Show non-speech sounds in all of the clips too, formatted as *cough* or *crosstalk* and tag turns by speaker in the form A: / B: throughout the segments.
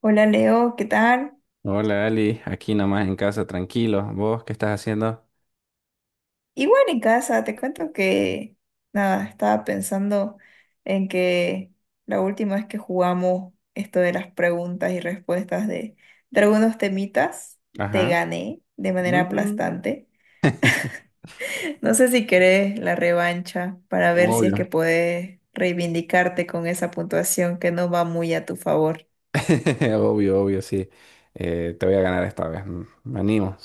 A: Hola Leo, ¿qué tal?
B: Hola Ali, aquí nomás en casa, tranquilo. ¿Vos qué estás haciendo?
A: Igual en casa, te cuento que nada, estaba pensando en que la última vez que jugamos esto de las preguntas y respuestas de algunos temitas, te
B: Ajá.
A: gané de manera
B: Mm.
A: aplastante.
B: *laughs*
A: No sé si querés la revancha para ver si es que
B: Obvio.
A: podés reivindicarte con esa puntuación que no va muy a tu favor.
B: *laughs* Obvio, obvio, sí. Te voy a ganar esta vez. Me animo.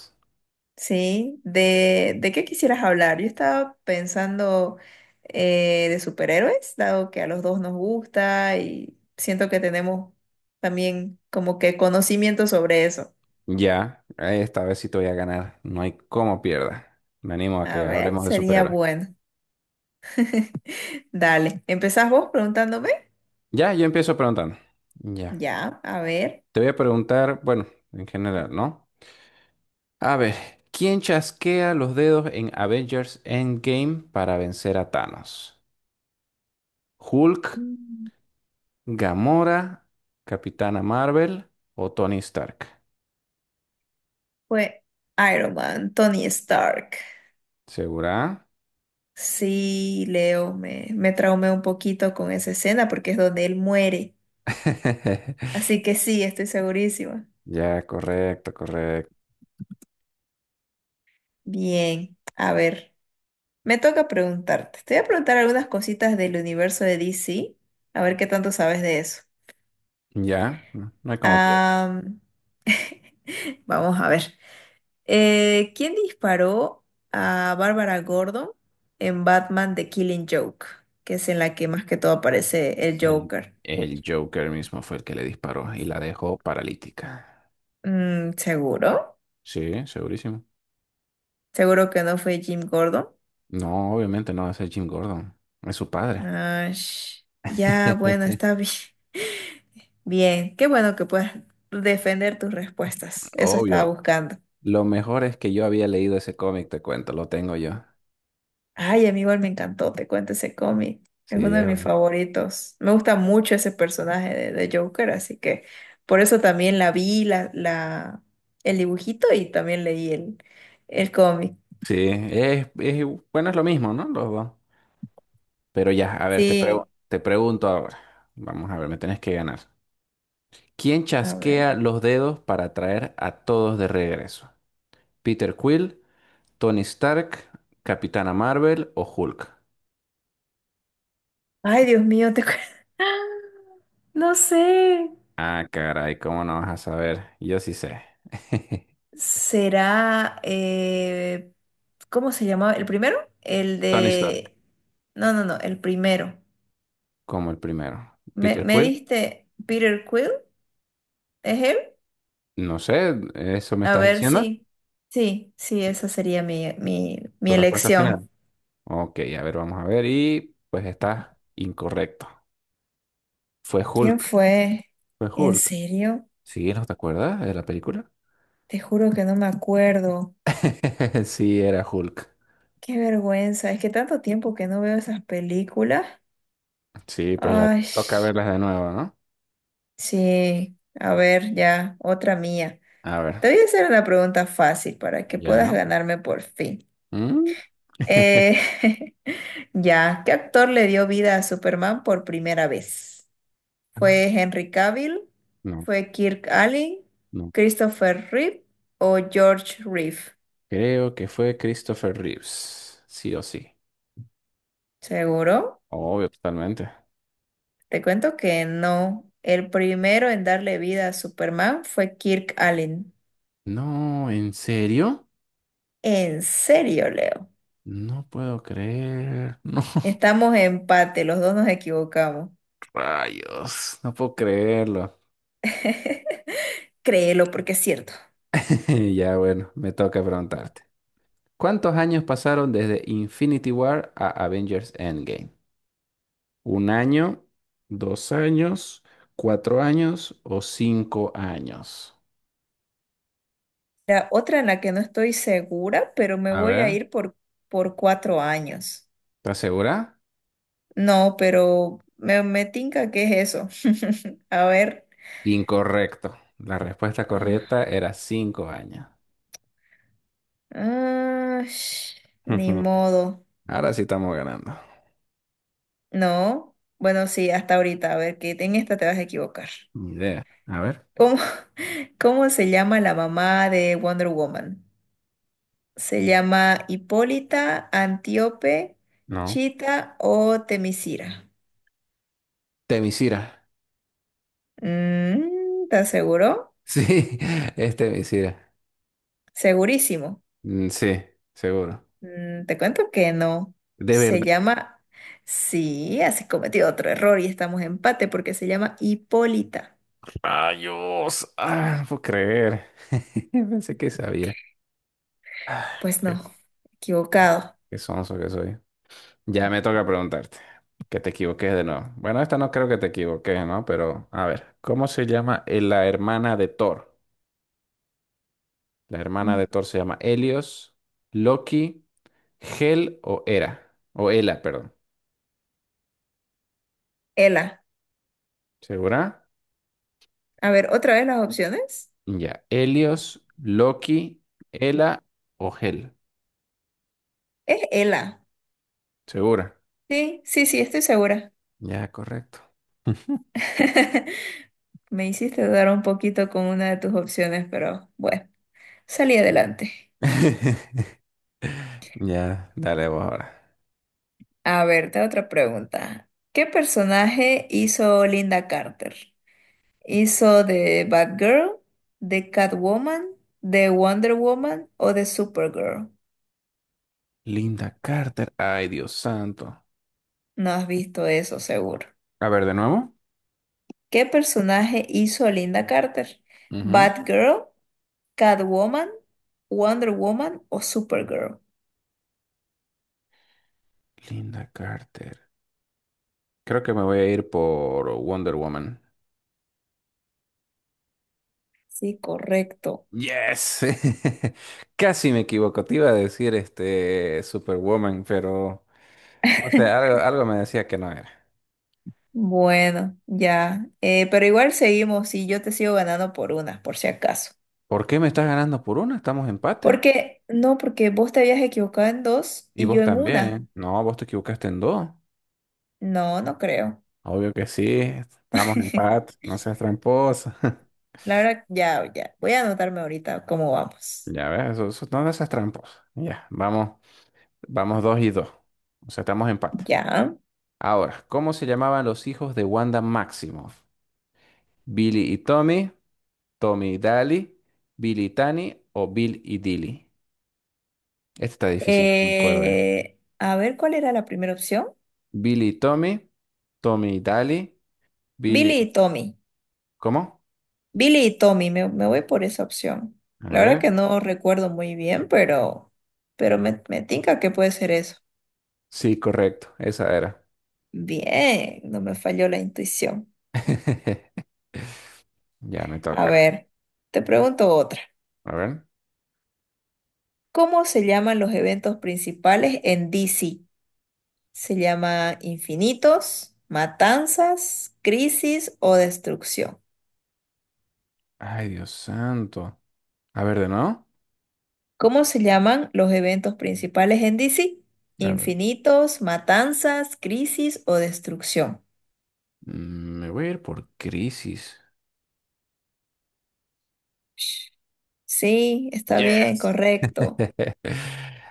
A: Sí, ¿de qué quisieras hablar? Yo estaba pensando de superhéroes, dado que a los dos nos gusta y siento que tenemos también como que conocimiento sobre eso.
B: Ya, esta vez sí te voy a ganar. No hay cómo pierda. Me animo a que
A: A ver,
B: hablemos de
A: sería
B: superhéroes.
A: bueno. *laughs* Dale, ¿empezás vos preguntándome?
B: Ya, yo empiezo preguntando. Ya.
A: Ya, a ver.
B: Te voy a preguntar, bueno, en general, ¿no? A ver, ¿quién chasquea los dedos en Avengers Endgame para vencer a Thanos? ¿Hulk?
A: Mm,
B: Gamora, Capitana Marvel o Tony Stark.
A: fue Iron Man, Tony Stark.
B: ¿Segura?
A: Sí, Leo, me traumé un poquito con esa escena porque es donde él muere.
B: *laughs*
A: Así que sí, estoy segurísima.
B: Ya, correcto, correcto.
A: Bien, a ver, me toca preguntarte. Te voy a preguntar algunas cositas del universo de DC, a ver qué tanto sabes de eso.
B: Ya, no hay como pierde.
A: Am, vamos a ver. ¿Quién disparó a Barbara Gordon en Batman The Killing Joke? Que es en la que más que todo aparece el
B: El,
A: Joker.
B: el Joker mismo fue el que le disparó y la dejó paralítica.
A: Mm, ¿seguro?
B: Sí, segurísimo.
A: ¿Seguro que no fue Jim Gordon?
B: No, obviamente no va a ser Jim Gordon. Es su padre.
A: Ah, sh- ya, bueno, está
B: *laughs*
A: bi- bien. Qué bueno que puedas defender tus respuestas. Eso estaba
B: Obvio.
A: buscando.
B: Lo mejor es que yo había leído ese cómic, te cuento, lo tengo yo.
A: Ay, a mí igual me encantó, te cuento ese cómic. Es uno
B: Sí,
A: de mis favoritos. Me gusta mucho ese personaje de Joker, así que por eso también la vi, el dibujito y también leí el cómic.
B: sí, es, es- bueno, es lo mismo, ¿no? Los dos. Pero ya, a ver,
A: Sí,
B: te pregunto ahora. Vamos a ver, me tenés que ganar. ¿Quién
A: a ver.
B: chasquea los dedos para traer a todos de regreso? ¿Peter Quill, Tony Stark, Capitana Marvel o Hulk?
A: Ay, Dios mío, te cu- *laughs* no sé.
B: Ah, caray, ¿cómo no vas a saber? Yo sí sé. *laughs*
A: Será, ¿cómo se llamaba? ¿El primero? El
B: Tony Stark,
A: de... No, el primero.
B: como el primero.
A: ¿Me,
B: ¿Peter
A: me
B: Quill?
A: diste Peter Quill? ¿Es él?
B: No sé, ¿eso me
A: A
B: estás
A: ver,
B: diciendo?
A: sí, sí, sí, esa sería mi
B: ¿Tu respuesta
A: elección.
B: final? Ok, a ver, vamos a ver. Y pues está incorrecto. Fue
A: ¿Quién
B: Hulk.
A: fue?
B: Fue
A: ¿En
B: Hulk.
A: serio?
B: ¿Sí? ¿No te acuerdas de la película?
A: Te juro que no me acuerdo.
B: *laughs* Sí, era Hulk.
A: Qué vergüenza, es que tanto tiempo que no veo esas películas.
B: Sí, pues ya
A: Ay,
B: toca verlas de nuevo, ¿no?
A: sí, a ver, ya, otra mía.
B: A ver,
A: Te voy a hacer una pregunta fácil para que puedas
B: ya.
A: ganarme por fin.
B: ¿Mm? *laughs*
A: Eh, *laughs* ya, ¿qué actor le dio vida a Superman por primera vez? ¿Fue Henry Cavill?
B: No,
A: ¿Fue Kirk Allen?
B: no.
A: ¿Christopher Reeve o George Reeve?
B: Creo que fue Christopher Reeves. Sí o sí.
A: ¿Seguro?
B: Obvio, totalmente.
A: Te cuento que no. El primero en darle vida a Superman fue Kirk Allen.
B: No, ¿en serio?
A: ¿En serio, Leo?
B: No puedo creer. No, *laughs*
A: Estamos en empate, los dos nos equivocamos.
B: rayos. No puedo creerlo.
A: *laughs* Créelo porque es cierto.
B: *laughs* Ya, bueno, me toca preguntarte. ¿Cuántos años pasaron desde Infinity War a Avengers Endgame? ¿1 año, 2 años, 4 años o 5 años?
A: La otra en la que no estoy segura, pero me
B: A
A: voy a
B: ver,
A: ir por cuatro años.
B: ¿estás segura?
A: No, pero me tinca que es eso. *laughs* A ver.
B: Incorrecto. La respuesta
A: Ah,
B: correcta era 5 años.
A: ah, sh-
B: *laughs*
A: ni
B: Ujú.
A: modo.
B: Ahora sí estamos ganando.
A: No. Bueno, sí, hasta ahorita. A ver, que en esta te vas a equivocar.
B: Ni idea. A ver.
A: ¿Cómo, *laughs* cómo se llama la mamá de Wonder Woman? ¿Se llama Hipólita, Antíope,
B: No.
A: Chita o Temisira?
B: Temisira.
A: Mm, ¿estás seguro?
B: Sí, *laughs* es Temisira.
A: Segurísimo.
B: Mm, sí, seguro.
A: Mm, te cuento que no.
B: De
A: Se
B: verdad.
A: llama... Sí, has cometido otro error y estamos en empate porque se llama Hipólita.
B: Rayos. Ah, no puedo creer. *laughs* Pensé que sabía. Ah,
A: Pues
B: qué,
A: no, equivocado.
B: qué sonso que soy. Ya me toca preguntarte, que te equivoques de nuevo. Bueno, esta no creo que te equivoques, ¿no? Pero a ver, ¿cómo se llama la hermana de Thor? La hermana
A: Mm.
B: de Thor se llama Helios, Loki, Hel o Hera, o Hela, perdón.
A: Ela.
B: ¿Segura?
A: A ver, otra vez las opciones.
B: Ya, Helios, Loki, Hela o Hel.
A: Es Ela.
B: ¿Segura?
A: Sí, sí, sí, estoy segura.
B: Ya, correcto.
A: *laughs* Me hiciste dudar un poquito con una de tus opciones, pero bueno, salí adelante.
B: *laughs* Ya, dale vos ahora.
A: A ver, te hago otra pregunta. ¿Qué personaje hizo Linda Carter? ¿Hizo de Batgirl, de Catwoman, de Wonder Woman o de Supergirl?
B: Linda Carter, ay Dios santo.
A: No has visto eso, seguro.
B: A ver, de nuevo.
A: ¿Qué personaje hizo a Linda Carter?
B: Ujú.
A: ¿Batgirl, Catwoman, Wonder Woman o Supergirl?
B: Linda Carter. Creo que me voy a ir por Wonder Woman.
A: Sí, correcto.
B: Yes. *laughs* Casi me equivoco. Te iba a decir este Superwoman, pero no sé,
A: *laughs*
B: algo me decía que no era.
A: Bueno, ya. Pero igual seguimos y yo te sigo ganando por una, por si acaso.
B: ¿Por qué me estás ganando por una? Estamos empate.
A: Porque, no, porque vos te habías equivocado en dos
B: Y
A: y yo
B: vos
A: en una.
B: también. No, vos te equivocaste en dos.
A: No, no creo.
B: Obvio que sí. Estamos en empate.
A: *laughs*
B: No seas tramposa. *laughs*
A: La verdad, ya, ya. Voy a anotarme ahorita cómo vamos.
B: Ya ves, no seas tramposa. Ya, vamos dos y dos. O sea, estamos en empate.
A: Ya.
B: Ahora, ¿cómo se llamaban los hijos de Wanda Maximoff? Billy y Tommy, Tommy y Dali, Billy y Tani o Bill y Dilly. Este está difícil, no me acuerdo.
A: A ver, ¿cuál era la primera opción?
B: Billy y Tommy, Tommy y Dali, Billy.
A: Billy y Tommy.
B: ¿Cómo?
A: Billy y Tommy, me voy por esa opción.
B: A
A: La verdad
B: ver.
A: que no recuerdo muy bien, pero me tinca que puede ser eso.
B: Sí, correcto, esa era.
A: Bien, no me falló la intuición.
B: *laughs* Ya me
A: A
B: toca.
A: ver, te pregunto otra.
B: A ver.
A: ¿Cómo se llaman los eventos principales en DC? ¿Se llama infinitos, matanzas, crisis o destrucción?
B: Ay, Dios santo. A ver, de nuevo.
A: ¿Cómo se llaman los eventos principales en DC?
B: A ver.
A: ¿Infinitos, matanzas, crisis o destrucción?
B: Me voy a ir por crisis.
A: Sí, está bien,
B: Yes. *laughs*
A: correcto.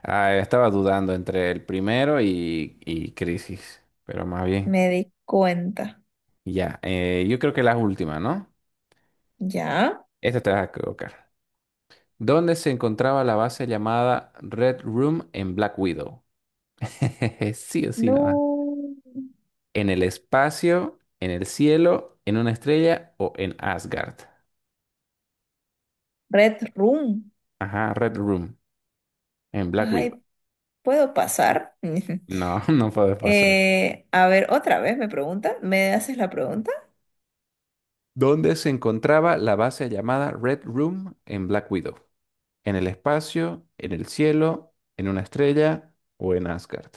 B: Ah, estaba dudando entre el primero y crisis, pero más bien.
A: Me di cuenta.
B: Ya, yo creo que la última, ¿no?
A: ¿Ya?
B: Esta te vas a equivocar. ¿Dónde se encontraba la base llamada Red Room en Black Widow? *laughs* Sí o sí, nada.
A: No.
B: ¿En el espacio, en el cielo, en una estrella o en Asgard?
A: Red Room.
B: Ajá, Red Room en Black Widow.
A: Ay, ¿puedo pasar? *laughs*
B: No, *laughs* no puede pasar.
A: A ver, otra vez me pregunta. ¿Me haces la pregunta?
B: ¿Dónde se encontraba la base llamada Red Room en Black Widow? ¿En el espacio, en el cielo, en una estrella o en Asgard?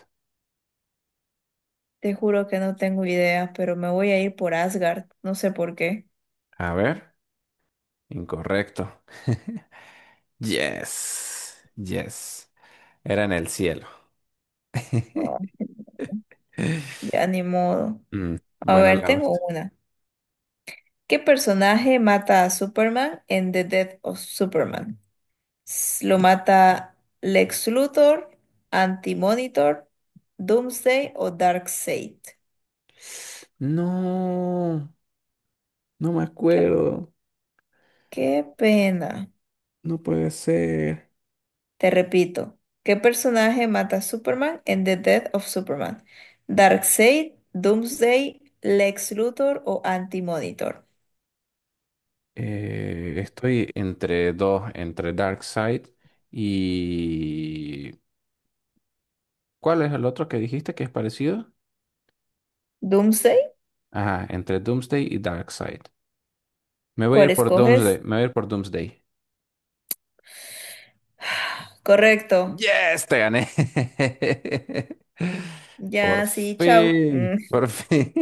A: Te juro que no tengo idea, pero me voy a ir por Asgard. No sé por qué.
B: A ver, incorrecto. *laughs* Yes, yes. Era en el cielo. *laughs*
A: Ah, *laughs* ya ni modo.
B: Mm,
A: A
B: bueno,
A: ver,
B: la verdad.
A: tengo una. ¿Qué personaje mata a Superman en The Death of Superman? S- Lo mata Lex Luthor, Anti-Monitor, Doomsday o Darkseid.
B: No, no me
A: Qué,
B: acuerdo.
A: qué pena.
B: No puede ser.
A: Te repito, ¿qué personaje mata a Superman en The Death of Superman? Darkseid, Doomsday, Lex Luthor o Anti-Monitor.
B: Estoy entre dos, entre Darkseid y... ¿Cuál es el otro que dijiste que es parecido?
A: ¿Doomsday?
B: Ajá, entre Doomsday y Darkseid. Me voy a
A: ¿Cuál
B: ir por Doomsday.
A: escoges?
B: Me voy a ir por Doomsday.
A: Correcto.
B: Yes, te gané. *laughs* Por
A: Ya, sí, chao.
B: fin,
A: Mm,
B: por fin.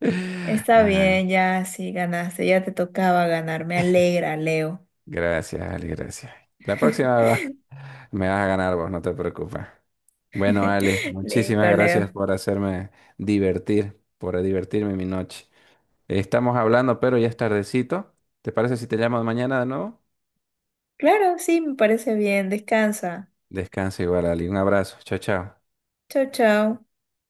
B: *laughs*
A: está
B: Ay,
A: bien, ya, sí, ganaste. Ya te tocaba ganar. Me alegra, Leo.
B: gracias, Ale, gracias. La próxima va- *laughs* Me vas a ganar vos, no te preocupes. Bueno, Ale,
A: *laughs*
B: muchísimas
A: Listo,
B: gracias
A: Leo.
B: por hacerme divertir, por divertirme mi noche. Estamos hablando, pero ya es tardecito. ¿Te parece si te llamo mañana de nuevo?
A: Claro, sí, me parece bien. Descansa.
B: Descansa igual, Ali. Un abrazo. Chao, chao.
A: Chau, chau.